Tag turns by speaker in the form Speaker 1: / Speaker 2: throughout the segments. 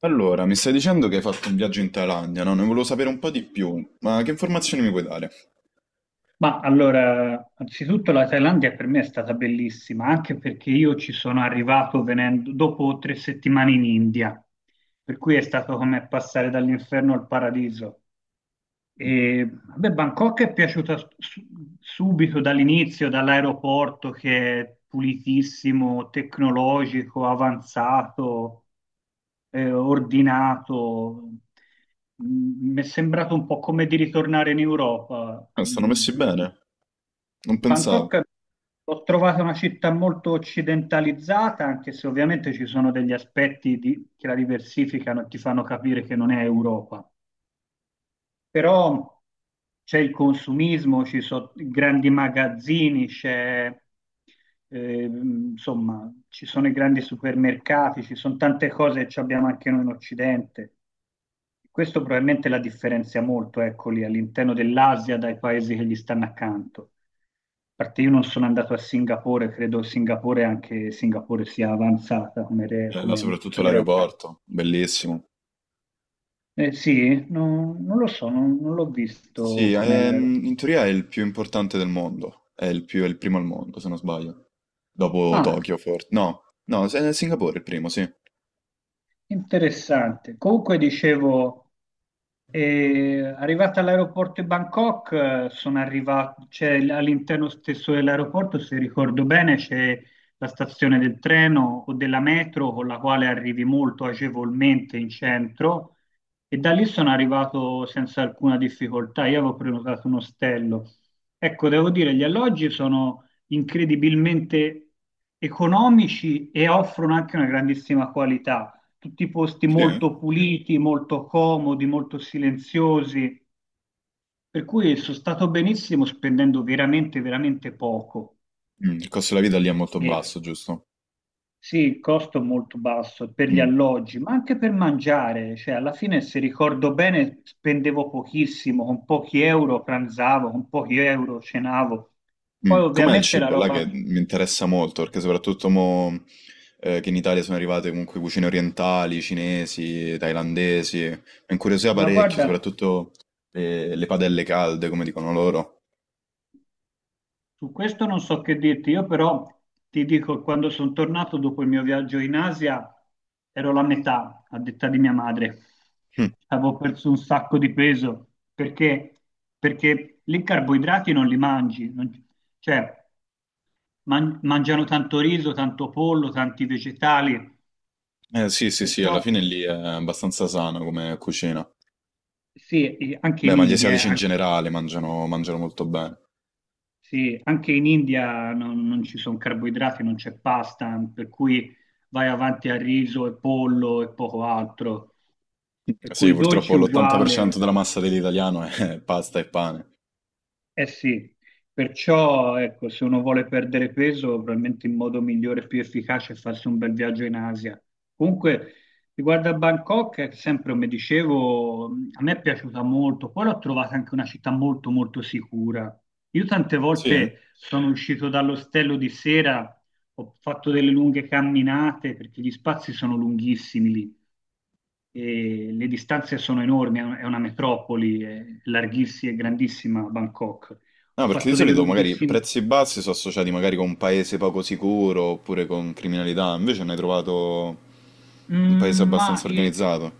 Speaker 1: Allora, mi stai dicendo che hai fatto un viaggio in Thailandia, no? Ne volevo sapere un po' di più, ma che informazioni mi puoi dare?
Speaker 2: Ma allora, anzitutto la Thailandia per me è stata bellissima, anche perché io ci sono arrivato venendo dopo 3 settimane in India, per cui è stato come passare dall'inferno al paradiso. E vabbè, Bangkok è piaciuta subito dall'inizio, dall'aeroporto che è pulitissimo, tecnologico, avanzato, ordinato. Mi è sembrato un po' come di ritornare in Europa.
Speaker 1: Ah, stanno messi bene? Non
Speaker 2: Bangkok
Speaker 1: pensavo.
Speaker 2: l'ho trovata una città molto occidentalizzata, anche se ovviamente ci sono degli che la diversificano e ti fanno capire che non è Europa, però c'è il consumismo, ci sono grandi magazzini, insomma, ci sono i grandi supermercati, ci sono tante cose che ci abbiamo anche noi in Occidente. Questo probabilmente la differenzia molto, ecco lì, all'interno dell'Asia dai paesi che gli stanno accanto. A parte, io non sono andato a Singapore, credo Singapore, anche Singapore sia avanzata come,
Speaker 1: Bella, soprattutto
Speaker 2: come realtà.
Speaker 1: l'aeroporto, bellissimo.
Speaker 2: Eh sì, non lo so, non l'ho visto
Speaker 1: Sì,
Speaker 2: com'è la...
Speaker 1: in teoria è il più importante del mondo, è il è il primo al mondo, se non sbaglio. Dopo
Speaker 2: Ah,
Speaker 1: Tokyo, forse. No, no, è Singapore il primo, sì.
Speaker 2: interessante. Comunque dicevo, arrivata all'aeroporto di Bangkok, sono arrivato, all'interno stesso dell'aeroporto, se ricordo bene, c'è la stazione del treno o della metro con la quale arrivi molto agevolmente in centro, e da lì sono arrivato senza alcuna difficoltà. Io avevo prenotato un ostello. Ecco, devo dire, gli alloggi sono incredibilmente economici e offrono anche una grandissima qualità, tutti posti
Speaker 1: Sì? Eh?
Speaker 2: molto puliti, molto comodi, molto silenziosi, per cui sono stato benissimo spendendo veramente, veramente poco.
Speaker 1: Mm, il costo della vita lì è molto
Speaker 2: E ok,
Speaker 1: basso, giusto?
Speaker 2: sì, il costo è molto basso per gli
Speaker 1: Mm.
Speaker 2: alloggi, ma anche per mangiare, cioè alla fine, se ricordo bene, spendevo pochissimo, con pochi euro pranzavo, con pochi euro cenavo. Poi
Speaker 1: Mm. Com'è il
Speaker 2: ovviamente la
Speaker 1: cibo là
Speaker 2: roba,
Speaker 1: che mi interessa molto, perché soprattutto mo, che in Italia sono arrivate comunque cucine orientali, cinesi, thailandesi, mi incuriosiva
Speaker 2: ma
Speaker 1: parecchio,
Speaker 2: guarda,
Speaker 1: soprattutto le padelle calde, come dicono loro.
Speaker 2: su questo non so che dirti, io però ti dico, quando sono tornato dopo il mio viaggio in Asia, ero la metà, a detta di mia madre.
Speaker 1: Mm.
Speaker 2: Avevo perso un sacco di peso, perché, perché lì i carboidrati non li mangi, cioè mangiano tanto riso, tanto pollo, tanti vegetali,
Speaker 1: Sì, sì, sì,
Speaker 2: perciò
Speaker 1: alla fine lì è abbastanza sano come cucina.
Speaker 2: sì, e anche
Speaker 1: Beh,
Speaker 2: in
Speaker 1: ma gli asiatici
Speaker 2: India,
Speaker 1: in generale mangiano molto bene.
Speaker 2: sì, anche in India non ci sono carboidrati, non c'è pasta, per cui vai avanti a riso e pollo e poco altro.
Speaker 1: Mm.
Speaker 2: Per
Speaker 1: Sì,
Speaker 2: cui
Speaker 1: purtroppo
Speaker 2: dolci uguale,
Speaker 1: l'80% della massa dell'italiano è pasta e pane.
Speaker 2: eh sì, perciò ecco, se uno vuole perdere peso, probabilmente il modo migliore e più efficace è farsi un bel viaggio in Asia. Comunque, riguardo a Bangkok, sempre come dicevo, a me è piaciuta molto, poi l'ho trovata anche una città molto molto sicura. Io tante
Speaker 1: Sì?
Speaker 2: volte sono uscito dall'ostello di sera, ho fatto delle lunghe camminate perché gli spazi sono lunghissimi lì e le distanze sono enormi, è una metropoli, è larghissima e grandissima Bangkok. Ho
Speaker 1: No, perché di
Speaker 2: fatto delle
Speaker 1: solito magari
Speaker 2: lunghissime...
Speaker 1: prezzi bassi sono associati magari con un paese poco sicuro oppure con criminalità, invece ne hai trovato un paese
Speaker 2: Mm,
Speaker 1: abbastanza organizzato.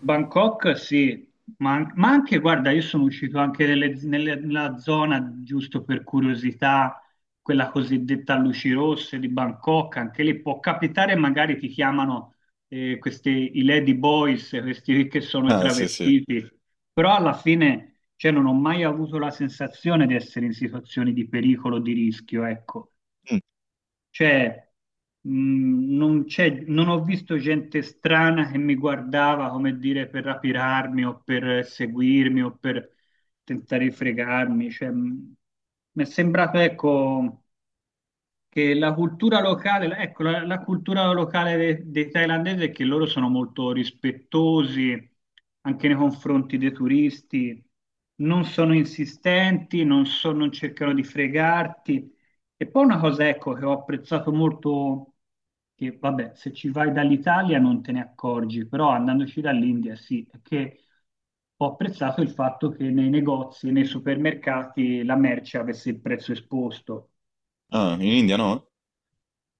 Speaker 2: Bangkok sì, ma, ma anche, guarda, io sono uscito anche nella zona, giusto per curiosità, quella cosiddetta luci rosse di Bangkok, anche lì può capitare, magari ti chiamano, questi, i lady boys, questi che sono i
Speaker 1: Ah, sì, sì.
Speaker 2: travestiti, però alla fine, cioè, non ho mai avuto la sensazione di essere in situazioni di pericolo, di rischio, ecco. Cioè, non ho visto gente strana che mi guardava, come dire, per rapirarmi o per seguirmi o per tentare di fregarmi. Cioè, mi è sembrato, ecco, che la cultura locale, ecco, la, la cultura locale dei thailandesi è che loro sono molto rispettosi anche nei confronti dei turisti, non sono insistenti, non cercano di fregarti. E poi una cosa, ecco, che ho apprezzato molto, che vabbè, se ci vai dall'Italia non te ne accorgi, però andandoci dall'India sì, è che ho apprezzato il fatto che nei negozi, nei supermercati, la merce avesse il prezzo esposto.
Speaker 1: Ah, in India no?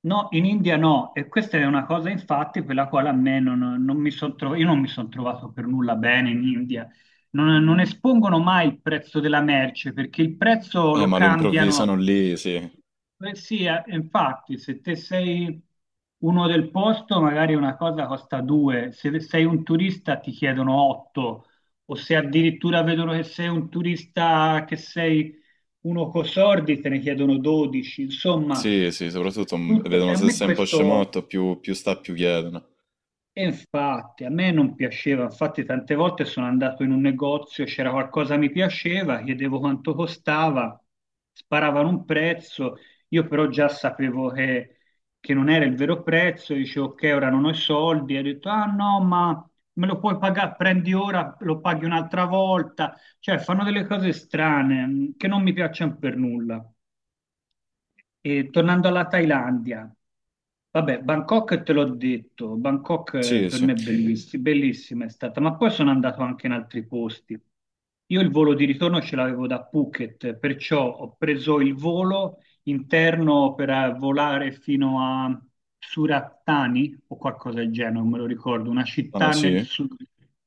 Speaker 2: No, in India no, e questa è una cosa infatti per la quale a me non mi sono trovato, io non mi sono trovato per nulla bene in India. Non espongono mai il prezzo della merce perché il prezzo lo
Speaker 1: Ma lo
Speaker 2: cambiano.
Speaker 1: improvvisano lì, sì.
Speaker 2: Beh, sì, infatti, se te sei uno del posto, magari una cosa costa due, se sei un turista ti chiedono otto, o se addirittura vedono che sei un turista, che sei uno coi sordi, te ne chiedono 12. Insomma,
Speaker 1: Sì, sì, soprattutto mm,
Speaker 2: e
Speaker 1: vedono
Speaker 2: a
Speaker 1: se
Speaker 2: me
Speaker 1: sei un po'
Speaker 2: questo.
Speaker 1: scemotto, più, più sta, più chiedono.
Speaker 2: E infatti, a me non piaceva, infatti tante volte sono andato in un negozio, c'era qualcosa che mi piaceva, chiedevo quanto costava, sparavano un prezzo, io però già sapevo che non era il vero prezzo, dicevo ok, ora non ho i soldi, e ho detto ah no, ma me lo puoi pagare, prendi ora, lo paghi un'altra volta, cioè fanno delle cose strane, mm, che non mi piacciono per nulla. E tornando alla Thailandia, vabbè, Bangkok te l'ho detto, Bangkok,
Speaker 1: Sì,
Speaker 2: per
Speaker 1: sì.
Speaker 2: me è sì, bellissima è stata, ma poi sono andato anche in altri posti. Io il volo di ritorno ce l'avevo da Phuket, perciò ho preso il volo interno per, volare fino a Surattani o qualcosa del genere, non me lo ricordo, una
Speaker 1: Ah,
Speaker 2: città nel
Speaker 1: sì?
Speaker 2: sud,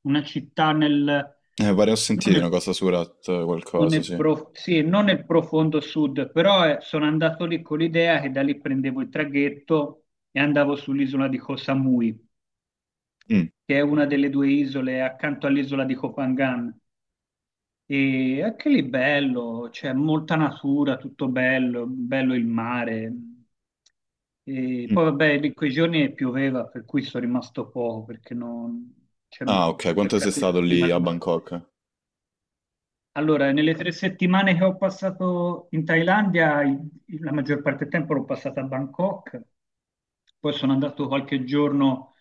Speaker 2: una città nel...
Speaker 1: Pare ho sentito una cosa su Rat,
Speaker 2: non
Speaker 1: qualcosa,
Speaker 2: nel
Speaker 1: sì.
Speaker 2: prof- sì, non nel profondo sud, però, sono andato lì con l'idea che da lì prendevo il traghetto e andavo sull'isola di Koh Samui,
Speaker 1: Mm,
Speaker 2: che è una delle due isole accanto all'isola di Koh Phangan. E anche lì, bello, c'è molta natura, tutto bello, bello il mare. E
Speaker 1: mm.
Speaker 2: poi vabbè, in quei giorni pioveva, per cui sono rimasto poco, perché non... c'era un...
Speaker 1: Ah,
Speaker 2: ho
Speaker 1: ok, quanto sei
Speaker 2: beccato
Speaker 1: stato
Speaker 2: il
Speaker 1: lì
Speaker 2: clima
Speaker 1: a
Speaker 2: sbagliato.
Speaker 1: Bangkok?
Speaker 2: Allora, nelle 3 settimane che ho passato in Thailandia, la maggior parte del tempo l'ho passata a Bangkok, poi sono andato qualche giorno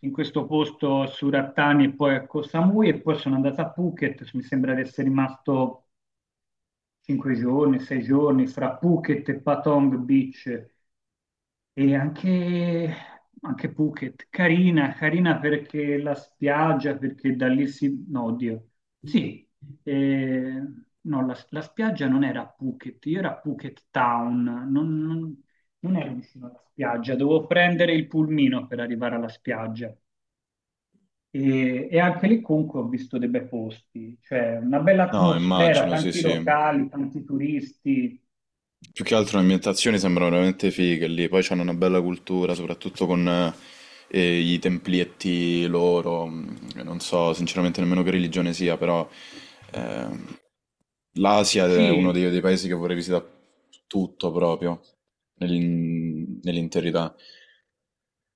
Speaker 2: in questo posto a Surattani e poi a Koh Samui e poi sono andato a Phuket, mi sembra di essere rimasto 5 giorni, 6 giorni, fra Phuket e Patong Beach, e anche, anche Phuket, carina, carina perché la spiaggia, perché da lì si... No, oddio. Sì, eh, no, la, la spiaggia non era a Phuket, io era a Phuket Town, non, non- non ero vicino alla spiaggia, dovevo prendere il pulmino per arrivare alla spiaggia. E anche lì comunque ho visto dei bei posti, cioè una bella
Speaker 1: No,
Speaker 2: atmosfera,
Speaker 1: immagino, sì,
Speaker 2: tanti
Speaker 1: sì.
Speaker 2: locali, tanti turisti.
Speaker 1: Più che altro le ambientazioni sembrano veramente fighe lì, poi c'hanno una bella cultura, soprattutto con i templietti loro, non so sinceramente nemmeno che religione sia, però ehm, l'Asia è uno
Speaker 2: Sì,
Speaker 1: dei paesi che vorrei visitare tutto proprio, nell'interità.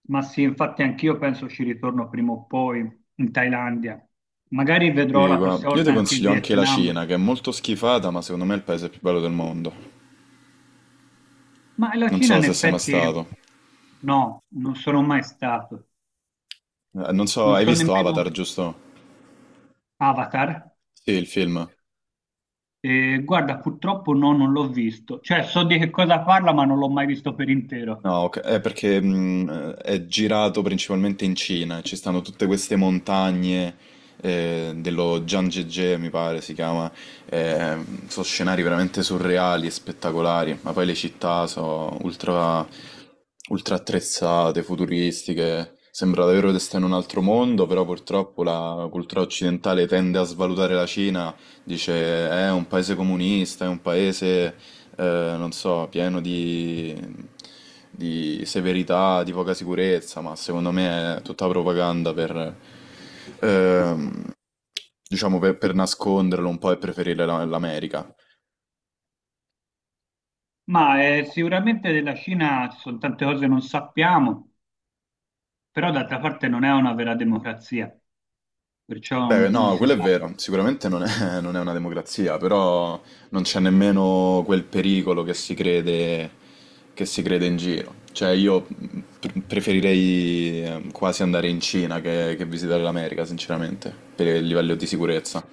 Speaker 2: ma sì, infatti anch'io penso ci ritorno prima o poi in Thailandia. Magari vedrò
Speaker 1: E
Speaker 2: la
Speaker 1: guarda,
Speaker 2: prossima
Speaker 1: io ti
Speaker 2: volta anche il
Speaker 1: consiglio anche la
Speaker 2: Vietnam.
Speaker 1: Cina, che è molto schifata, ma secondo me è il paese più bello del mondo.
Speaker 2: Ma la
Speaker 1: Non
Speaker 2: Cina
Speaker 1: so
Speaker 2: in
Speaker 1: se sei mai
Speaker 2: effetti
Speaker 1: stato.
Speaker 2: no, non sono mai stato.
Speaker 1: Non so,
Speaker 2: Non
Speaker 1: hai
Speaker 2: so
Speaker 1: visto
Speaker 2: nemmeno
Speaker 1: Avatar, giusto?
Speaker 2: Avatar.
Speaker 1: Sì, il film.
Speaker 2: E guarda, purtroppo no, non l'ho visto. Cioè, so di che cosa parla, ma non l'ho mai visto per intero.
Speaker 1: No, ok, è perché è girato principalmente in Cina, ci stanno tutte queste montagne dello Zhangjiajie, mi pare si chiama, eh, sono scenari veramente surreali e spettacolari, ma poi le città sono ultra attrezzate, futuristiche, sembra davvero di stare in un altro mondo, però purtroppo la cultura occidentale tende a svalutare la Cina. Dice è un paese comunista, è un paese, non so, pieno di severità, di poca sicurezza, ma secondo me è tutta propaganda per, ehm, diciamo, per nasconderlo un po' e preferire l'America.
Speaker 2: Ma, sicuramente della Cina ci sono tante cose che non sappiamo, però d'altra parte non è una vera democrazia, perciò
Speaker 1: Beh,
Speaker 2: non
Speaker 1: no,
Speaker 2: si
Speaker 1: quello è
Speaker 2: sa.
Speaker 1: vero, sicuramente non è, non è una democrazia, però non c'è nemmeno quel pericolo che si crede in giro. Cioè, io preferirei quasi andare in Cina che visitare l'America, sinceramente, per il livello di sicurezza.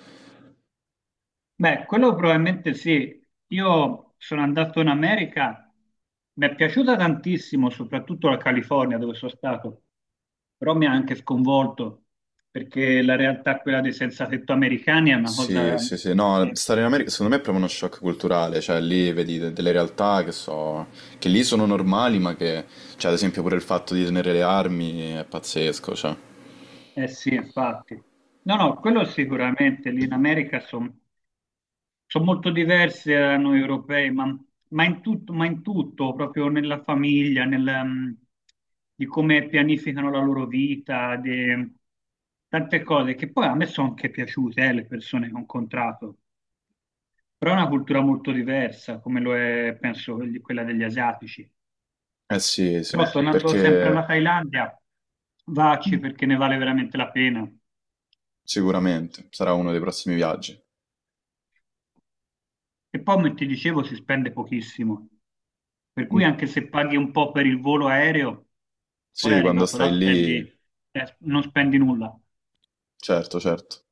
Speaker 2: Beh, quello probabilmente sì. Io sono andato in America, mi è piaciuta tantissimo, soprattutto la California dove sono stato, però mi ha anche sconvolto perché la realtà, quella dei senza tetto americani, è una
Speaker 1: Sì,
Speaker 2: cosa
Speaker 1: sì, sì, no,
Speaker 2: che...
Speaker 1: stare in America secondo me è proprio uno shock culturale, cioè lì vedi delle realtà che so, che lì sono normali, ma che, cioè ad esempio pure il fatto di tenere le armi è pazzesco, cioè.
Speaker 2: eh sì, infatti. No, no, quello sicuramente, lì in America sono... sono molto diverse da noi europei, ma, ma in tutto, proprio nella famiglia, nel, mm, di come pianificano la loro vita, di tante cose che poi a me sono anche piaciute, le persone che ho incontrato, però è una cultura molto diversa, come lo è, penso, quella degli asiatici. Eh,
Speaker 1: Eh sì,
Speaker 2: però
Speaker 1: sì,
Speaker 2: sì, tornando sempre
Speaker 1: perché
Speaker 2: alla Thailandia,
Speaker 1: mh.
Speaker 2: vacci perché ne vale veramente la pena.
Speaker 1: Sicuramente, sarà uno dei prossimi viaggi.
Speaker 2: E poi, come ti dicevo, si spende pochissimo. Per
Speaker 1: Mh.
Speaker 2: cui anche se paghi un po' per il volo aereo, poi
Speaker 1: Sì, quando
Speaker 2: arrivato là
Speaker 1: stai
Speaker 2: spendi,
Speaker 1: lì
Speaker 2: non spendi nulla.
Speaker 1: certo, certo.